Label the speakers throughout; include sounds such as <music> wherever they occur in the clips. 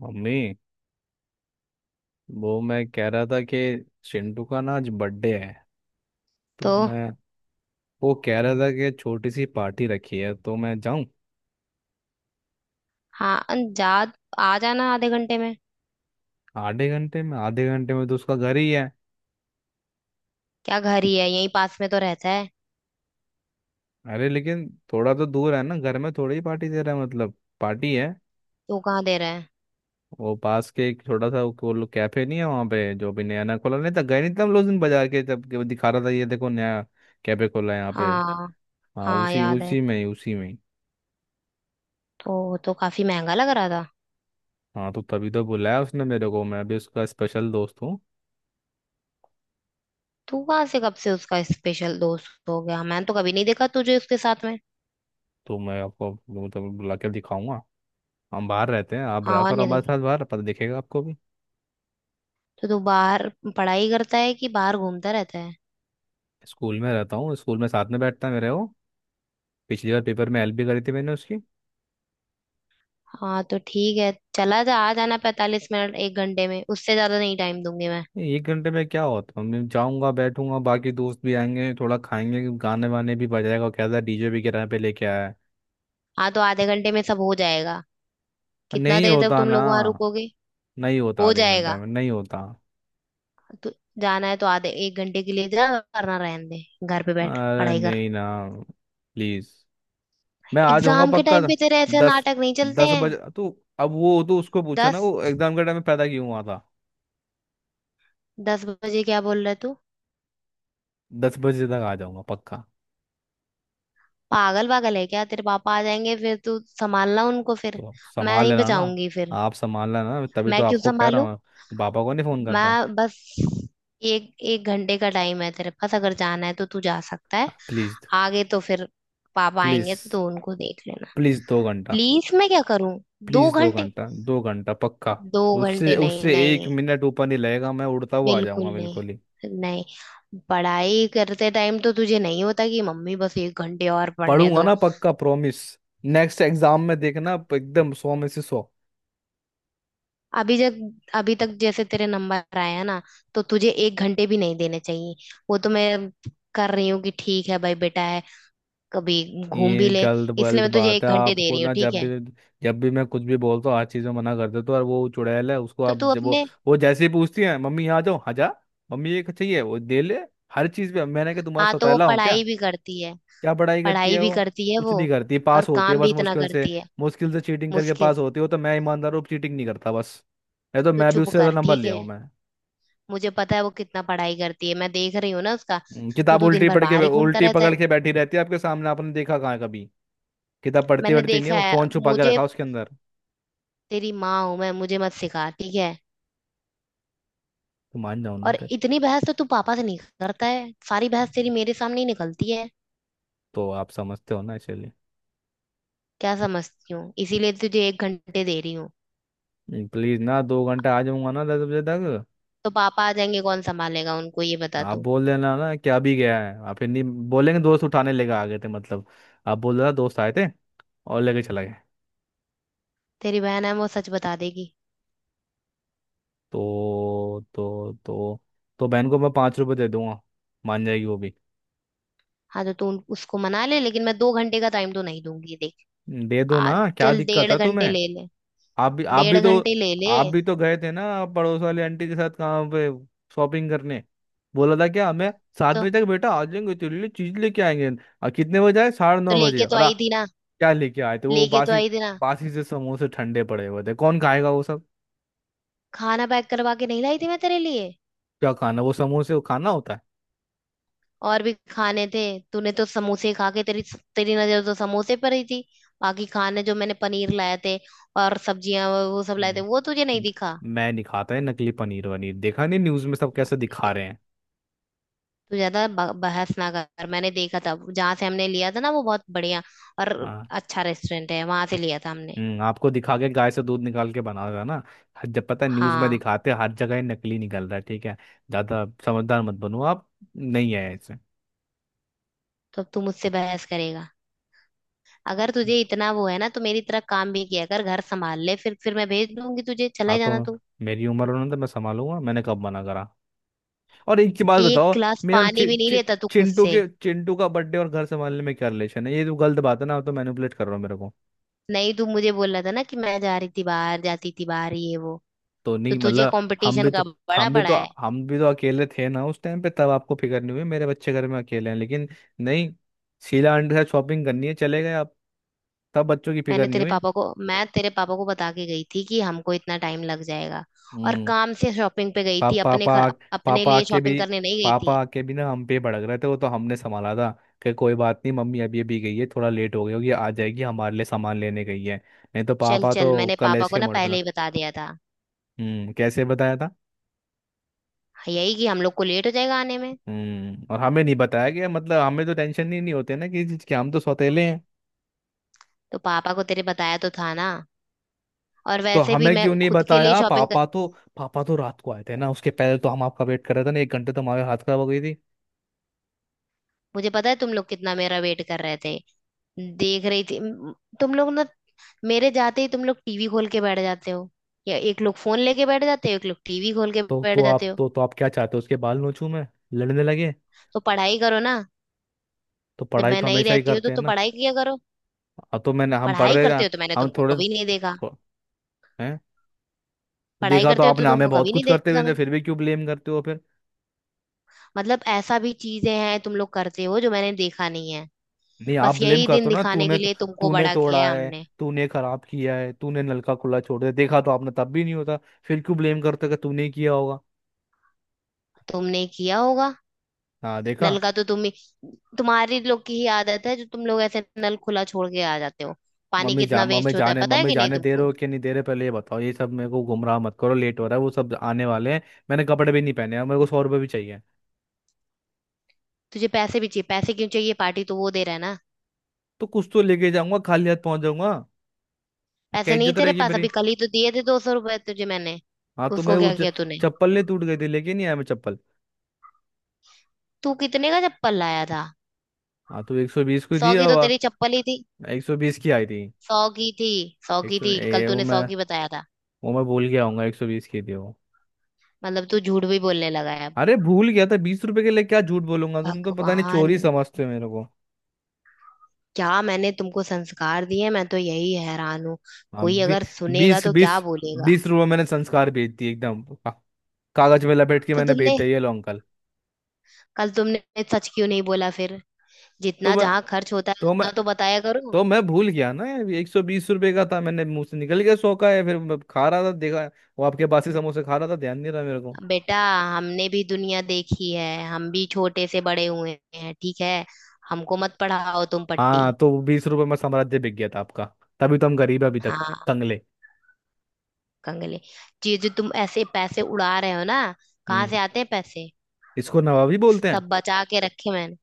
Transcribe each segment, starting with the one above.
Speaker 1: Mummy. वो मैं कह रहा था कि चिंटू का ना आज बर्थडे है।
Speaker 2: तो
Speaker 1: तो मैं वो कह रहा था कि छोटी सी पार्टी रखी है तो मैं जाऊं।
Speaker 2: हाँ जा। आ जाना आधे घंटे में।
Speaker 1: आधे घंटे में? आधे घंटे में तो उसका घर ही है।
Speaker 2: क्या घर ही है? यहीं पास में तो रहता है।
Speaker 1: अरे लेकिन थोड़ा तो दूर है ना। घर में थोड़ी ही पार्टी दे रहा है मतलब। पार्टी है।
Speaker 2: तू कहाँ दे रहा है?
Speaker 1: वो पास के एक छोटा सा, वो लोग कैफे नहीं है वहाँ पे, जो भी नया नया खोला। नहीं था गए नहीं थे हम लोग उस दिन बाजार के, जब के वो दिखा रहा था, ये देखो नया कैफे खोला है यहाँ पे।
Speaker 2: हाँ,
Speaker 1: हाँ,
Speaker 2: हाँ
Speaker 1: उसी
Speaker 2: याद है।
Speaker 1: उसी में ही उसी में ही
Speaker 2: तो वो तो काफी महंगा लग रहा था।
Speaker 1: हाँ तो तभी तो बुलाया उसने मेरे को, मैं भी उसका स्पेशल दोस्त हूँ।
Speaker 2: तू कहाँ से, कब से उसका स्पेशल दोस्त हो गया? मैंने तो कभी नहीं देखा तुझे उसके साथ में।
Speaker 1: तो मैं आपको मतलब बुला के दिखाऊंगा। हम बाहर रहते हैं, आप रहा
Speaker 2: हाँ,
Speaker 1: करो
Speaker 2: नहीं तो
Speaker 1: हमारे साथ बाहर, पता दिखेगा आपको भी।
Speaker 2: तो तू बाहर पढ़ाई करता है कि बाहर घूमता रहता है?
Speaker 1: स्कूल में रहता हूँ, स्कूल में साथ में बैठता है मेरे वो। पिछली बार पेपर में हेल्प भी करी थी मैंने उसकी।
Speaker 2: हाँ तो ठीक है, चला जा। आ जाना 45 मिनट एक घंटे में, उससे ज्यादा नहीं टाइम दूंगी मैं।
Speaker 1: 1 घंटे में क्या होता है? मैं जाऊंगा, बैठूंगा, बाकी दोस्त भी आएंगे, थोड़ा खाएंगे, गाने वाने भी बजाएगा, क्या था, डीजे भी किराए पे लेके आया है।
Speaker 2: हाँ तो आधे घंटे में सब हो जाएगा। कितना
Speaker 1: नहीं
Speaker 2: देर तक
Speaker 1: होता
Speaker 2: तुम
Speaker 1: ना,
Speaker 2: लोग वहां रुकोगे?
Speaker 1: नहीं होता,
Speaker 2: हो
Speaker 1: आधे घंटे
Speaker 2: जाएगा।
Speaker 1: में नहीं होता।
Speaker 2: तो जाना है तो आधे एक घंटे के लिए जा, वरना रहने दे, घर पे बैठ
Speaker 1: अरे
Speaker 2: पढ़ाई कर।
Speaker 1: नहीं ना, प्लीज, मैं आ जाऊंगा
Speaker 2: एग्जाम के
Speaker 1: पक्का।
Speaker 2: टाइम पे तेरे ऐसे
Speaker 1: दस
Speaker 2: नाटक नहीं चलते
Speaker 1: दस
Speaker 2: हैं।
Speaker 1: बजे तो। अब वो तो उसको पूछो ना,
Speaker 2: 10?
Speaker 1: वो एग्जाम के टाइम में पैदा क्यों हुआ था।
Speaker 2: 10 बजे क्या बोल रहे तू?
Speaker 1: दस बजे तक आ जाऊंगा पक्का।
Speaker 2: पागल पागल है क्या? तेरे पापा आ जाएंगे फिर, तू संभालना उनको फिर।
Speaker 1: तो आप
Speaker 2: मैं
Speaker 1: संभाल
Speaker 2: नहीं
Speaker 1: लेना ना आप।
Speaker 2: बचाऊंगी फिर।
Speaker 1: आप संभाल लेना, तभी तो
Speaker 2: मैं क्यों
Speaker 1: आपको कह
Speaker 2: संभालू?
Speaker 1: रहा हूँ, पापा को नहीं फोन करता।
Speaker 2: मैं बस, एक एक घंटे का टाइम है तेरे पास, अगर जाना है तो तू जा सकता है।
Speaker 1: प्लीज।
Speaker 2: आगे तो फिर पापा
Speaker 1: प्लीज।
Speaker 2: आएंगे तो तू उनको देख लेना।
Speaker 1: प्लीज 2 घंटा।
Speaker 2: प्लीज मैं क्या करूं? दो
Speaker 1: प्लीज दो
Speaker 2: घंटे,
Speaker 1: घंटा, दो घंटा पक्का।
Speaker 2: दो
Speaker 1: उससे
Speaker 2: घंटे नहीं,
Speaker 1: उससे एक
Speaker 2: नहीं।
Speaker 1: मिनट ऊपर नहीं लगेगा, मैं उड़ता हुआ आ
Speaker 2: बिल्कुल
Speaker 1: जाऊंगा बिल्कुल ही।
Speaker 2: नहीं। नहीं। पढ़ाई करते टाइम तो तुझे नहीं होता कि मम्मी बस एक घंटे और पढ़ने
Speaker 1: पढ़ूंगा
Speaker 2: दो।
Speaker 1: ना, पक्का प्रॉमिस। नेक्स्ट एग्जाम में देखना, एकदम 100 में से 100।
Speaker 2: अभी जब अभी तक जैसे तेरे नंबर आया ना, तो तुझे एक घंटे भी नहीं देने चाहिए। वो तो मैं कर रही हूँ कि ठीक है भाई, बेटा है, कभी घूम भी
Speaker 1: ये
Speaker 2: ले।
Speaker 1: गलत
Speaker 2: इसलिए
Speaker 1: गलत
Speaker 2: मैं तुझे
Speaker 1: बात है।
Speaker 2: एक घंटे दे
Speaker 1: आपको
Speaker 2: रही हूँ,
Speaker 1: ना,
Speaker 2: ठीक
Speaker 1: जब
Speaker 2: है।
Speaker 1: भी, जब भी मैं कुछ भी बोलता हूँ, हर चीज़ में मना कर देता हूँ। और वो चुड़ैल है, उसको
Speaker 2: तो
Speaker 1: आप,
Speaker 2: तू
Speaker 1: जब वो
Speaker 2: अपने,
Speaker 1: वो जैसे ही पूछती है मम्मी यहाँ जाओ, हाँ जा। मम्मी ये चाहिए, वो दे ले। हर चीज़ पे, मैंने कहा तुम्हारा
Speaker 2: हाँ तो वो
Speaker 1: सौतेला हूँ क्या?
Speaker 2: पढ़ाई भी करती है।
Speaker 1: क्या पढ़ाई करती
Speaker 2: पढ़ाई
Speaker 1: है
Speaker 2: भी
Speaker 1: वो?
Speaker 2: करती है
Speaker 1: कुछ
Speaker 2: वो,
Speaker 1: नहीं करती,
Speaker 2: और
Speaker 1: पास होती है
Speaker 2: काम
Speaker 1: बस
Speaker 2: भी इतना
Speaker 1: मुश्किल से।
Speaker 2: करती है।
Speaker 1: मुश्किल से चीटिंग करके
Speaker 2: मुश्किल,
Speaker 1: पास होती हो। तो मैं ईमानदार हूँ, चीटिंग नहीं करता बस। नहीं तो
Speaker 2: तू
Speaker 1: मैं भी
Speaker 2: चुप
Speaker 1: उससे ज़्यादा
Speaker 2: कर,
Speaker 1: नंबर
Speaker 2: ठीक
Speaker 1: ले
Speaker 2: है।
Speaker 1: आऊँ मैं।
Speaker 2: मुझे पता है वो कितना पढ़ाई करती है, मैं देख रही हूँ ना उसका। तू
Speaker 1: किताब
Speaker 2: तो दिन
Speaker 1: उल्टी
Speaker 2: भर
Speaker 1: पढ़ के,
Speaker 2: बाहर ही घूमता
Speaker 1: उल्टी
Speaker 2: रहता है।
Speaker 1: पकड़ के बैठी रहती है आपके सामने, आपने देखा कहाँ है कभी? किताब पढ़ती
Speaker 2: मैंने
Speaker 1: पढ़ती नहीं है
Speaker 2: देखा
Speaker 1: वो,
Speaker 2: है।
Speaker 1: फोन छुपा के
Speaker 2: मुझे,
Speaker 1: रखा उसके अंदर।
Speaker 2: तेरी माँ हूं मैं, मुझे मत सिखा, ठीक है।
Speaker 1: तो मान जाओ ना
Speaker 2: और
Speaker 1: फिर।
Speaker 2: इतनी बहस तो तू पापा से नहीं करता है, सारी बहस तेरी मेरे सामने ही निकलती है।
Speaker 1: तो आप समझते हो ना, चलिए।
Speaker 2: क्या समझती हूँ, इसीलिए तुझे एक घंटे दे रही हूँ।
Speaker 1: प्लीज ना, दो घंटा आ जाऊंगा ना 10 बजे तक।
Speaker 2: तो पापा आ जाएंगे, कौन संभालेगा उनको, ये बता
Speaker 1: आप
Speaker 2: तू।
Speaker 1: बोल देना ना कि अभी गया है, आप फिर नहीं बोलेंगे, दोस्त उठाने लेके आ गए थे मतलब। आप बोल देना दोस्त आए थे और लेके चला गए।
Speaker 2: तेरी बहन है वो, सच बता देगी।
Speaker 1: तो तो बहन को मैं ₹5 दे दूंगा, मान जाएगी वो भी।
Speaker 2: हाँ तो तू उसको मना ले, लेकिन मैं दो घंटे का टाइम तो नहीं दूंगी, देख।
Speaker 1: दे दो
Speaker 2: आज
Speaker 1: ना, क्या
Speaker 2: चल
Speaker 1: दिक्कत
Speaker 2: डेढ़
Speaker 1: है
Speaker 2: घंटे
Speaker 1: तुम्हें?
Speaker 2: ले ले।
Speaker 1: आप भी आप भी
Speaker 2: डेढ़
Speaker 1: तो
Speaker 2: घंटे ले ले।
Speaker 1: आप भी तो गए थे ना पड़ोस वाली आंटी के साथ, कहाँ पे, शॉपिंग करने। बोला था क्या हमें? सात
Speaker 2: तो
Speaker 1: बजे तक बेटा आ जाएंगे तेरे लिए चीज लेके आएंगे। और कितने बजे आए? साढ़े
Speaker 2: तो
Speaker 1: नौ बजे
Speaker 2: लेके तो आई थी ना।
Speaker 1: क्या लेके आए थे, वो
Speaker 2: लेके तो
Speaker 1: बासी
Speaker 2: आई थी ना।
Speaker 1: बासी से समोसे, ठंडे पड़े हुए थे, कौन खाएगा वो सब?
Speaker 2: खाना पैक करवा के नहीं लाई थी मैं तेरे लिए?
Speaker 1: क्या खाना, वो समोसे वो खाना होता है?
Speaker 2: और भी खाने थे। तूने तो समोसे खा के, तेरी, तेरी नजर तो समोसे पर ही थी। बाकी खाने जो मैंने पनीर लाए थे और सब्जियां, वो सब लाए थे, वो तुझे नहीं
Speaker 1: हम्म,
Speaker 2: दिखा?
Speaker 1: मैं नहीं खाता है नकली पनीर वनीर। देखा नहीं न्यूज में सब
Speaker 2: ना,
Speaker 1: कैसे
Speaker 2: नहीं
Speaker 1: दिखा रहे
Speaker 2: बने।
Speaker 1: हैं।
Speaker 2: तू ज्यादा बहस ना कर, मैंने देखा था जहां से हमने लिया था ना, वो बहुत बढ़िया और
Speaker 1: हाँ।
Speaker 2: अच्छा रेस्टोरेंट है, वहां से लिया था हमने।
Speaker 1: आपको दिखा के गाय से दूध निकाल के बना रहा है ना। जब पता है न्यूज़ में
Speaker 2: हाँ।
Speaker 1: दिखाते हैं, हर जगह ये नकली निकल रहा है, ठीक है। ज़्यादा समझदार मत बनो आप। नहीं है ऐसे।
Speaker 2: तो अब तू मुझसे बहस करेगा? अगर तुझे इतना वो है ना तो मेरी तरह काम भी किया कर, घर संभाल ले, फिर मैं भेज दूंगी तुझे,
Speaker 1: हाँ
Speaker 2: चले
Speaker 1: तो
Speaker 2: जाना तू।
Speaker 1: मेरी उम्र होने तो मैं संभालूंगा, मैंने कब मना करा। और एक की बात
Speaker 2: एक
Speaker 1: बताओ।
Speaker 2: गिलास
Speaker 1: मेरा
Speaker 2: पानी
Speaker 1: चि,
Speaker 2: भी नहीं
Speaker 1: चि,
Speaker 2: लेता तू खुद से।
Speaker 1: चिंटू का बर्थडे और घर संभालने में क्या रिलेशन है? ये तो गलत बात है ना, आप तो मैनिपुलेट कर रहे हो मेरे को।
Speaker 2: नहीं, तू मुझे बोल रहा था ना कि मैं जा रही थी बाहर, जाती थी बाहर ये वो,
Speaker 1: तो
Speaker 2: तो
Speaker 1: नहीं
Speaker 2: तुझे
Speaker 1: मतलब हम भी
Speaker 2: कंपटीशन का
Speaker 1: तो,
Speaker 2: बड़ा
Speaker 1: हम भी
Speaker 2: पड़ा
Speaker 1: तो
Speaker 2: है।
Speaker 1: हम भी तो अकेले थे ना उस टाइम पे। तब आपको फिक्र नहीं हुई मेरे बच्चे घर में अकेले हैं, लेकिन नहीं, शीला आंटी से शॉपिंग करनी है चले गए आप, तब बच्चों की फिक्र
Speaker 2: मैंने
Speaker 1: नहीं
Speaker 2: तेरे
Speaker 1: हुई।
Speaker 2: पापा को, मैं तेरे पापा को बता के गई थी कि हमको इतना टाइम लग जाएगा। और
Speaker 1: हम्म
Speaker 2: काम से शॉपिंग पे गई थी, अपने
Speaker 1: पापा
Speaker 2: अपने
Speaker 1: पापा
Speaker 2: लिए
Speaker 1: आके
Speaker 2: शॉपिंग
Speaker 1: भी,
Speaker 2: करने नहीं गई
Speaker 1: पापा
Speaker 2: थी।
Speaker 1: आके भी ना हम पे भड़क रहे थे, वो तो हमने संभाला था, कि कोई बात नहीं मम्मी, अभी अभी गई है, थोड़ा लेट हो गई होगी, आ जाएगी, हमारे लिए सामान लेने गई है। नहीं तो
Speaker 2: चल
Speaker 1: पापा
Speaker 2: चल,
Speaker 1: तो
Speaker 2: मैंने पापा
Speaker 1: कलेश
Speaker 2: को
Speaker 1: के
Speaker 2: ना
Speaker 1: मोड़ पे
Speaker 2: पहले
Speaker 1: था।
Speaker 2: ही बता दिया था,
Speaker 1: कैसे बताया था?
Speaker 2: यही कि हम लोग को लेट हो जाएगा आने में।
Speaker 1: और हमें नहीं बताया गया, मतलब हमें तो टेंशन ही नहीं होते ना किसी चीज के, हम तो सौतेले हैं।
Speaker 2: तो पापा को तेरे बताया तो था ना, और
Speaker 1: तो
Speaker 2: वैसे भी
Speaker 1: हमें
Speaker 2: मैं
Speaker 1: क्यों नहीं
Speaker 2: खुद के लिए
Speaker 1: बताया?
Speaker 2: शॉपिंग कर,
Speaker 1: पापा तो, पापा तो रात को आए थे ना, उसके पहले तो हम आपका वेट कर रहे थे ना, 1 घंटे तो हमारे हाथ खराब हो गई थी।
Speaker 2: मुझे पता है तुम लोग कितना मेरा वेट कर रहे थे। देख रही थी तुम लोग ना, मेरे जाते ही तुम लोग टीवी खोल के बैठ जाते हो, या एक लोग फोन लेके बैठ जाते हो, एक लोग टीवी खोल के
Speaker 1: तो
Speaker 2: बैठ
Speaker 1: तो
Speaker 2: जाते
Speaker 1: आप
Speaker 2: हो।
Speaker 1: तो तो आप क्या चाहते हो, उसके बाल नोचूं मैं, लड़ने लगे।
Speaker 2: तो पढ़ाई करो ना।
Speaker 1: तो
Speaker 2: जब
Speaker 1: पढ़ाई
Speaker 2: मैं
Speaker 1: तो
Speaker 2: नहीं
Speaker 1: हमेशा ही
Speaker 2: रहती हूँ तो,
Speaker 1: करते हैं ना।
Speaker 2: पढ़ाई किया करो।
Speaker 1: तो मैंने, हम पढ़
Speaker 2: पढ़ाई
Speaker 1: रहे
Speaker 2: करते
Speaker 1: थे।
Speaker 2: हो तो मैंने
Speaker 1: हम
Speaker 2: तुमको
Speaker 1: थोड़े,
Speaker 2: कभी नहीं देखा।
Speaker 1: थो, हैं। तो
Speaker 2: पढ़ाई
Speaker 1: देखा तो
Speaker 2: करते हो तो
Speaker 1: आपने हमें
Speaker 2: तुमको
Speaker 1: बहुत
Speaker 2: कभी नहीं
Speaker 1: कुछ करते हुए
Speaker 2: देखा
Speaker 1: थे,
Speaker 2: मैंने।
Speaker 1: फिर भी क्यों ब्लेम करते हो फिर?
Speaker 2: मतलब ऐसा भी चीजें हैं तुम लोग करते हो जो मैंने देखा नहीं है।
Speaker 1: नहीं आप
Speaker 2: बस
Speaker 1: ब्लेम
Speaker 2: यही
Speaker 1: करते
Speaker 2: दिन
Speaker 1: हो ना,
Speaker 2: दिखाने
Speaker 1: तूने
Speaker 2: के
Speaker 1: तो,
Speaker 2: लिए तुमको
Speaker 1: तूने
Speaker 2: बड़ा किया
Speaker 1: तोड़ा
Speaker 2: है
Speaker 1: है,
Speaker 2: हमने।
Speaker 1: तूने खराब किया है, तूने नलका खुला छोड़ दिया, देखा तो आपने तब भी नहीं होता, फिर क्यों ब्लेम करते हो कि तूने ही किया होगा।
Speaker 2: तुमने किया होगा।
Speaker 1: हाँ देखा।
Speaker 2: नल का तो तुम्हारी लोग की ही आदत है, जो तुम लोग ऐसे नल खुला छोड़ के आ जाते हो। पानी
Speaker 1: मम्मी जा
Speaker 2: कितना
Speaker 1: मम्मी
Speaker 2: वेस्ट होता है,
Speaker 1: जाने
Speaker 2: पता है
Speaker 1: मम्मी
Speaker 2: कि नहीं
Speaker 1: जाने दे रहे
Speaker 2: तुमको?
Speaker 1: हो कि नहीं दे रहे, पहले ये बताओ, ये सब मेरे को गुमराह मत करो, लेट हो रहा है, वो सब आने वाले हैं। मैंने कपड़े भी नहीं पहने हैं, मेरे को ₹100 भी चाहिए।
Speaker 2: तुझे पैसे भी चाहिए? पैसे क्यों चाहिए? पार्टी तो वो दे रहा है ना।
Speaker 1: तो कुछ तो लेके जाऊंगा, खाली हाथ पहुंच जाऊंगा, क्या
Speaker 2: पैसे नहीं
Speaker 1: इज्जत
Speaker 2: तेरे
Speaker 1: रहेगी
Speaker 2: पास?
Speaker 1: मेरी।
Speaker 2: अभी कल ही तो दिए थे 200 रुपए तुझे मैंने,
Speaker 1: हाँ तो मैं
Speaker 2: उसको
Speaker 1: वो
Speaker 2: क्या किया तूने?
Speaker 1: चप्पल नहीं टूट गई थी, लेके नहीं आया मैं चप्पल।
Speaker 2: तू कितने का चप्पल लाया था?
Speaker 1: हाँ तो 120 की
Speaker 2: सौ
Speaker 1: थी
Speaker 2: की तो तेरी
Speaker 1: और।
Speaker 2: चप्पल ही थी।
Speaker 1: 120 की आई थी।
Speaker 2: सौ की थी। सौ
Speaker 1: एक
Speaker 2: की
Speaker 1: सौ
Speaker 2: थी,
Speaker 1: ये
Speaker 2: कल तूने सौ की बताया था।
Speaker 1: वो मैं भूल गया हूँ, 120 की थी वो।
Speaker 2: मतलब तू झूठ भी बोलने लगा है।
Speaker 1: अरे भूल गया था, ₹20 के लिए क्या झूठ बोलूंगा, तुम तो पता नहीं
Speaker 2: भगवान,
Speaker 1: चोरी समझते हो मेरे को।
Speaker 2: क्या मैंने तुमको संस्कार दिए? मैं तो यही हैरान हूँ,
Speaker 1: हाँ
Speaker 2: कोई अगर सुनेगा
Speaker 1: बीस,
Speaker 2: तो क्या
Speaker 1: बीस
Speaker 2: बोलेगा।
Speaker 1: बीस रुपए मैंने संस्कार बेच दिए। एकदम कागज में लपेट के
Speaker 2: तो
Speaker 1: मैंने बेच
Speaker 2: तुमने,
Speaker 1: दिया, ये लो अंकल।
Speaker 2: कल तुमने सच क्यों नहीं बोला फिर?
Speaker 1: तो
Speaker 2: जितना
Speaker 1: मैं
Speaker 2: जहाँ खर्च होता है
Speaker 1: तो मैं
Speaker 2: उतना तो बताया करो।
Speaker 1: तो मैं भूल गया ना, ₹120 का था, मैंने मुंह से निकल गया 100 का है, फिर मैं खा रहा था देखा, वो आपके बासी समोसे खा रहा था, ध्यान नहीं रहा मेरे को।
Speaker 2: बेटा, हमने भी दुनिया देखी है, हम भी छोटे से बड़े हुए हैं, ठीक है। हमको मत पढ़ाओ तुम पट्टी।
Speaker 1: हाँ तो ₹20 में साम्राज्य बिक गया था आपका, तभी तो हम गरीब हैं अभी तक।
Speaker 2: हाँ
Speaker 1: कंगले।
Speaker 2: कंगले, जी जो तुम ऐसे पैसे उड़ा रहे हो ना, कहाँ
Speaker 1: हम्म
Speaker 2: से आते हैं पैसे?
Speaker 1: इसको नवाबी बोलते हैं।
Speaker 2: सब बचा के रखे मैंने।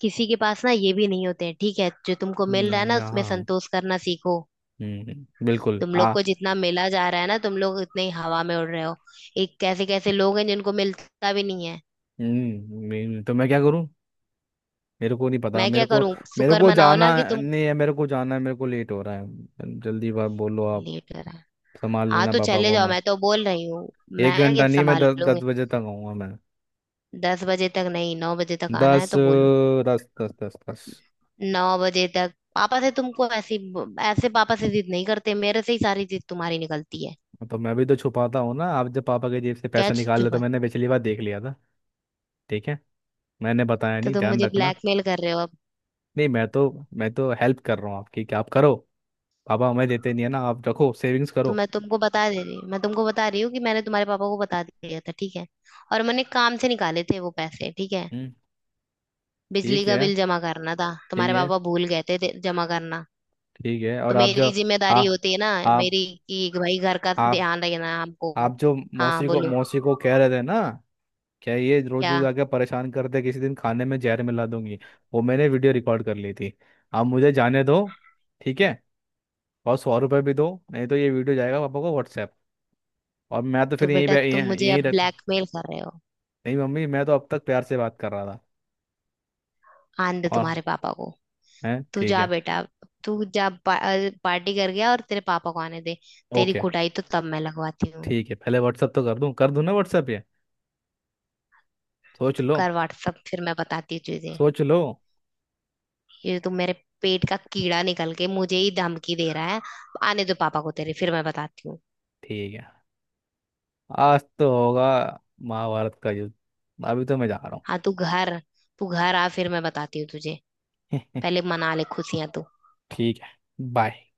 Speaker 2: किसी के पास ना ये भी नहीं होते हैं, ठीक है। जो तुमको मिल रहा है ना, उसमें
Speaker 1: यहाँ।
Speaker 2: संतोष करना सीखो।
Speaker 1: बिल्कुल
Speaker 2: तुम लोग
Speaker 1: आ
Speaker 2: को जितना मिला जा रहा है ना, तुम लोग उतने ही हवा में उड़ रहे हो। एक, कैसे कैसे लोग हैं जिनको मिलता भी नहीं है।
Speaker 1: तो मैं क्या करूं, मेरे को नहीं पता,
Speaker 2: मैं क्या
Speaker 1: मेरे को,
Speaker 2: करूं?
Speaker 1: मेरे
Speaker 2: शुक्र
Speaker 1: को
Speaker 2: मनाओ ना
Speaker 1: जाना
Speaker 2: कि तुम,
Speaker 1: नहीं है, मेरे को जाना है, मेरे को लेट हो रहा है, जल्दी बात बोलो आप।
Speaker 2: लेट कर आए?
Speaker 1: संभाल
Speaker 2: हाँ
Speaker 1: लेना
Speaker 2: तो
Speaker 1: पापा
Speaker 2: चले
Speaker 1: को
Speaker 2: जाओ,
Speaker 1: मैं।
Speaker 2: मैं तो बोल रही हूँ।
Speaker 1: एक
Speaker 2: मैं क्या
Speaker 1: घंटा नहीं, मैं दस
Speaker 2: संभालूंगी।
Speaker 1: दस बजे तक आऊंगा मैं।
Speaker 2: 10 बजे तक नहीं, 9 बजे तक आना
Speaker 1: दस
Speaker 2: है तो बोलो।
Speaker 1: अ, दस दस दस दस
Speaker 2: 9 बजे तक, पापा से तुमको ऐसी, ऐसे पापा से जिद नहीं करते, मेरे से ही सारी जिद तुम्हारी निकलती है।
Speaker 1: तो मैं भी तो छुपाता हूँ ना। आप जब पापा के जेब से
Speaker 2: क्या
Speaker 1: पैसा निकाल ले तो
Speaker 2: छुपा?
Speaker 1: मैंने पिछली बार देख लिया था। ठीक है, मैंने बताया
Speaker 2: तो
Speaker 1: नहीं,
Speaker 2: तुम
Speaker 1: ध्यान
Speaker 2: मुझे
Speaker 1: रखना।
Speaker 2: ब्लैकमेल कर रहे हो अब?
Speaker 1: नहीं, मैं तो हेल्प कर रहा हूँ आपकी कि आप करो। पापा हमें देते नहीं है ना, आप रखो सेविंग्स
Speaker 2: तो
Speaker 1: करो।
Speaker 2: मैं तुमको बता दे रही हूँ, मैं तुमको बता रही हूँ कि मैंने तुम्हारे पापा को बता दिया था, ठीक है। और मैंने काम से निकाले थे वो पैसे, ठीक है।
Speaker 1: हम्म।
Speaker 2: बिजली
Speaker 1: ठीक
Speaker 2: का
Speaker 1: है।
Speaker 2: बिल जमा करना था,
Speaker 1: ठीक
Speaker 2: तुम्हारे
Speaker 1: है।
Speaker 2: पापा भूल गए थे जमा करना।
Speaker 1: ठीक है।
Speaker 2: तो
Speaker 1: और आप
Speaker 2: मेरी
Speaker 1: जो,
Speaker 2: जिम्मेदारी
Speaker 1: आप
Speaker 2: होती है ना,
Speaker 1: आप
Speaker 2: मेरी, कि भाई घर का
Speaker 1: आप
Speaker 2: ध्यान रखना है हमको।
Speaker 1: आप जो
Speaker 2: हाँ
Speaker 1: मौसी को
Speaker 2: बोलो।
Speaker 1: मौसी को कह रहे थे ना, क्या ये रोज
Speaker 2: क्या?
Speaker 1: रोज आके परेशान करते, किसी दिन खाने में जहर मिला दूंगी, वो मैंने वीडियो रिकॉर्ड कर ली थी। आप मुझे जाने दो, ठीक है, और ₹100 भी दो, नहीं तो ये वीडियो जाएगा पापा को व्हाट्सएप। और मैं तो
Speaker 2: तो
Speaker 1: फिर यहीं
Speaker 2: बेटा, तुम
Speaker 1: यहीं
Speaker 2: मुझे
Speaker 1: यहीं
Speaker 2: अब
Speaker 1: रहता हूँ।
Speaker 2: ब्लैकमेल कर रहे हो?
Speaker 1: नहीं मम्मी, मैं तो अब तक प्यार से बात कर रहा था।
Speaker 2: आन दे
Speaker 1: और
Speaker 2: तुम्हारे पापा को।
Speaker 1: है,
Speaker 2: तू
Speaker 1: ठीक
Speaker 2: जा
Speaker 1: है।
Speaker 2: बेटा। तू जा पार्टी कर गया, और तेरे पापा को आने दे, तेरी
Speaker 1: ओके।
Speaker 2: कुटाई तो तब मैं लगवाती हूँ।
Speaker 1: ठीक है। पहले व्हाट्सएप तो कर दूँ ना, व्हाट्सएप ये। सोच
Speaker 2: तू
Speaker 1: लो।
Speaker 2: कर व्हाट्सअप, फिर मैं बताती हूँ तुझे।
Speaker 1: सोच लो।
Speaker 2: ये तो मेरे, पेट का कीड़ा निकल के मुझे ही धमकी दे रहा है। आने दो पापा को तेरे, फिर मैं बताती हूँ।
Speaker 1: ठीक है। आज तो होगा महाभारत का युद्ध। अभी तो मैं जा रहा
Speaker 2: हाँ तू घर, तू घर आ, फिर मैं बताती हूँ तुझे।
Speaker 1: हूँ। <laughs>
Speaker 2: पहले मना ले खुशियां तू।
Speaker 1: ठीक है। बाय।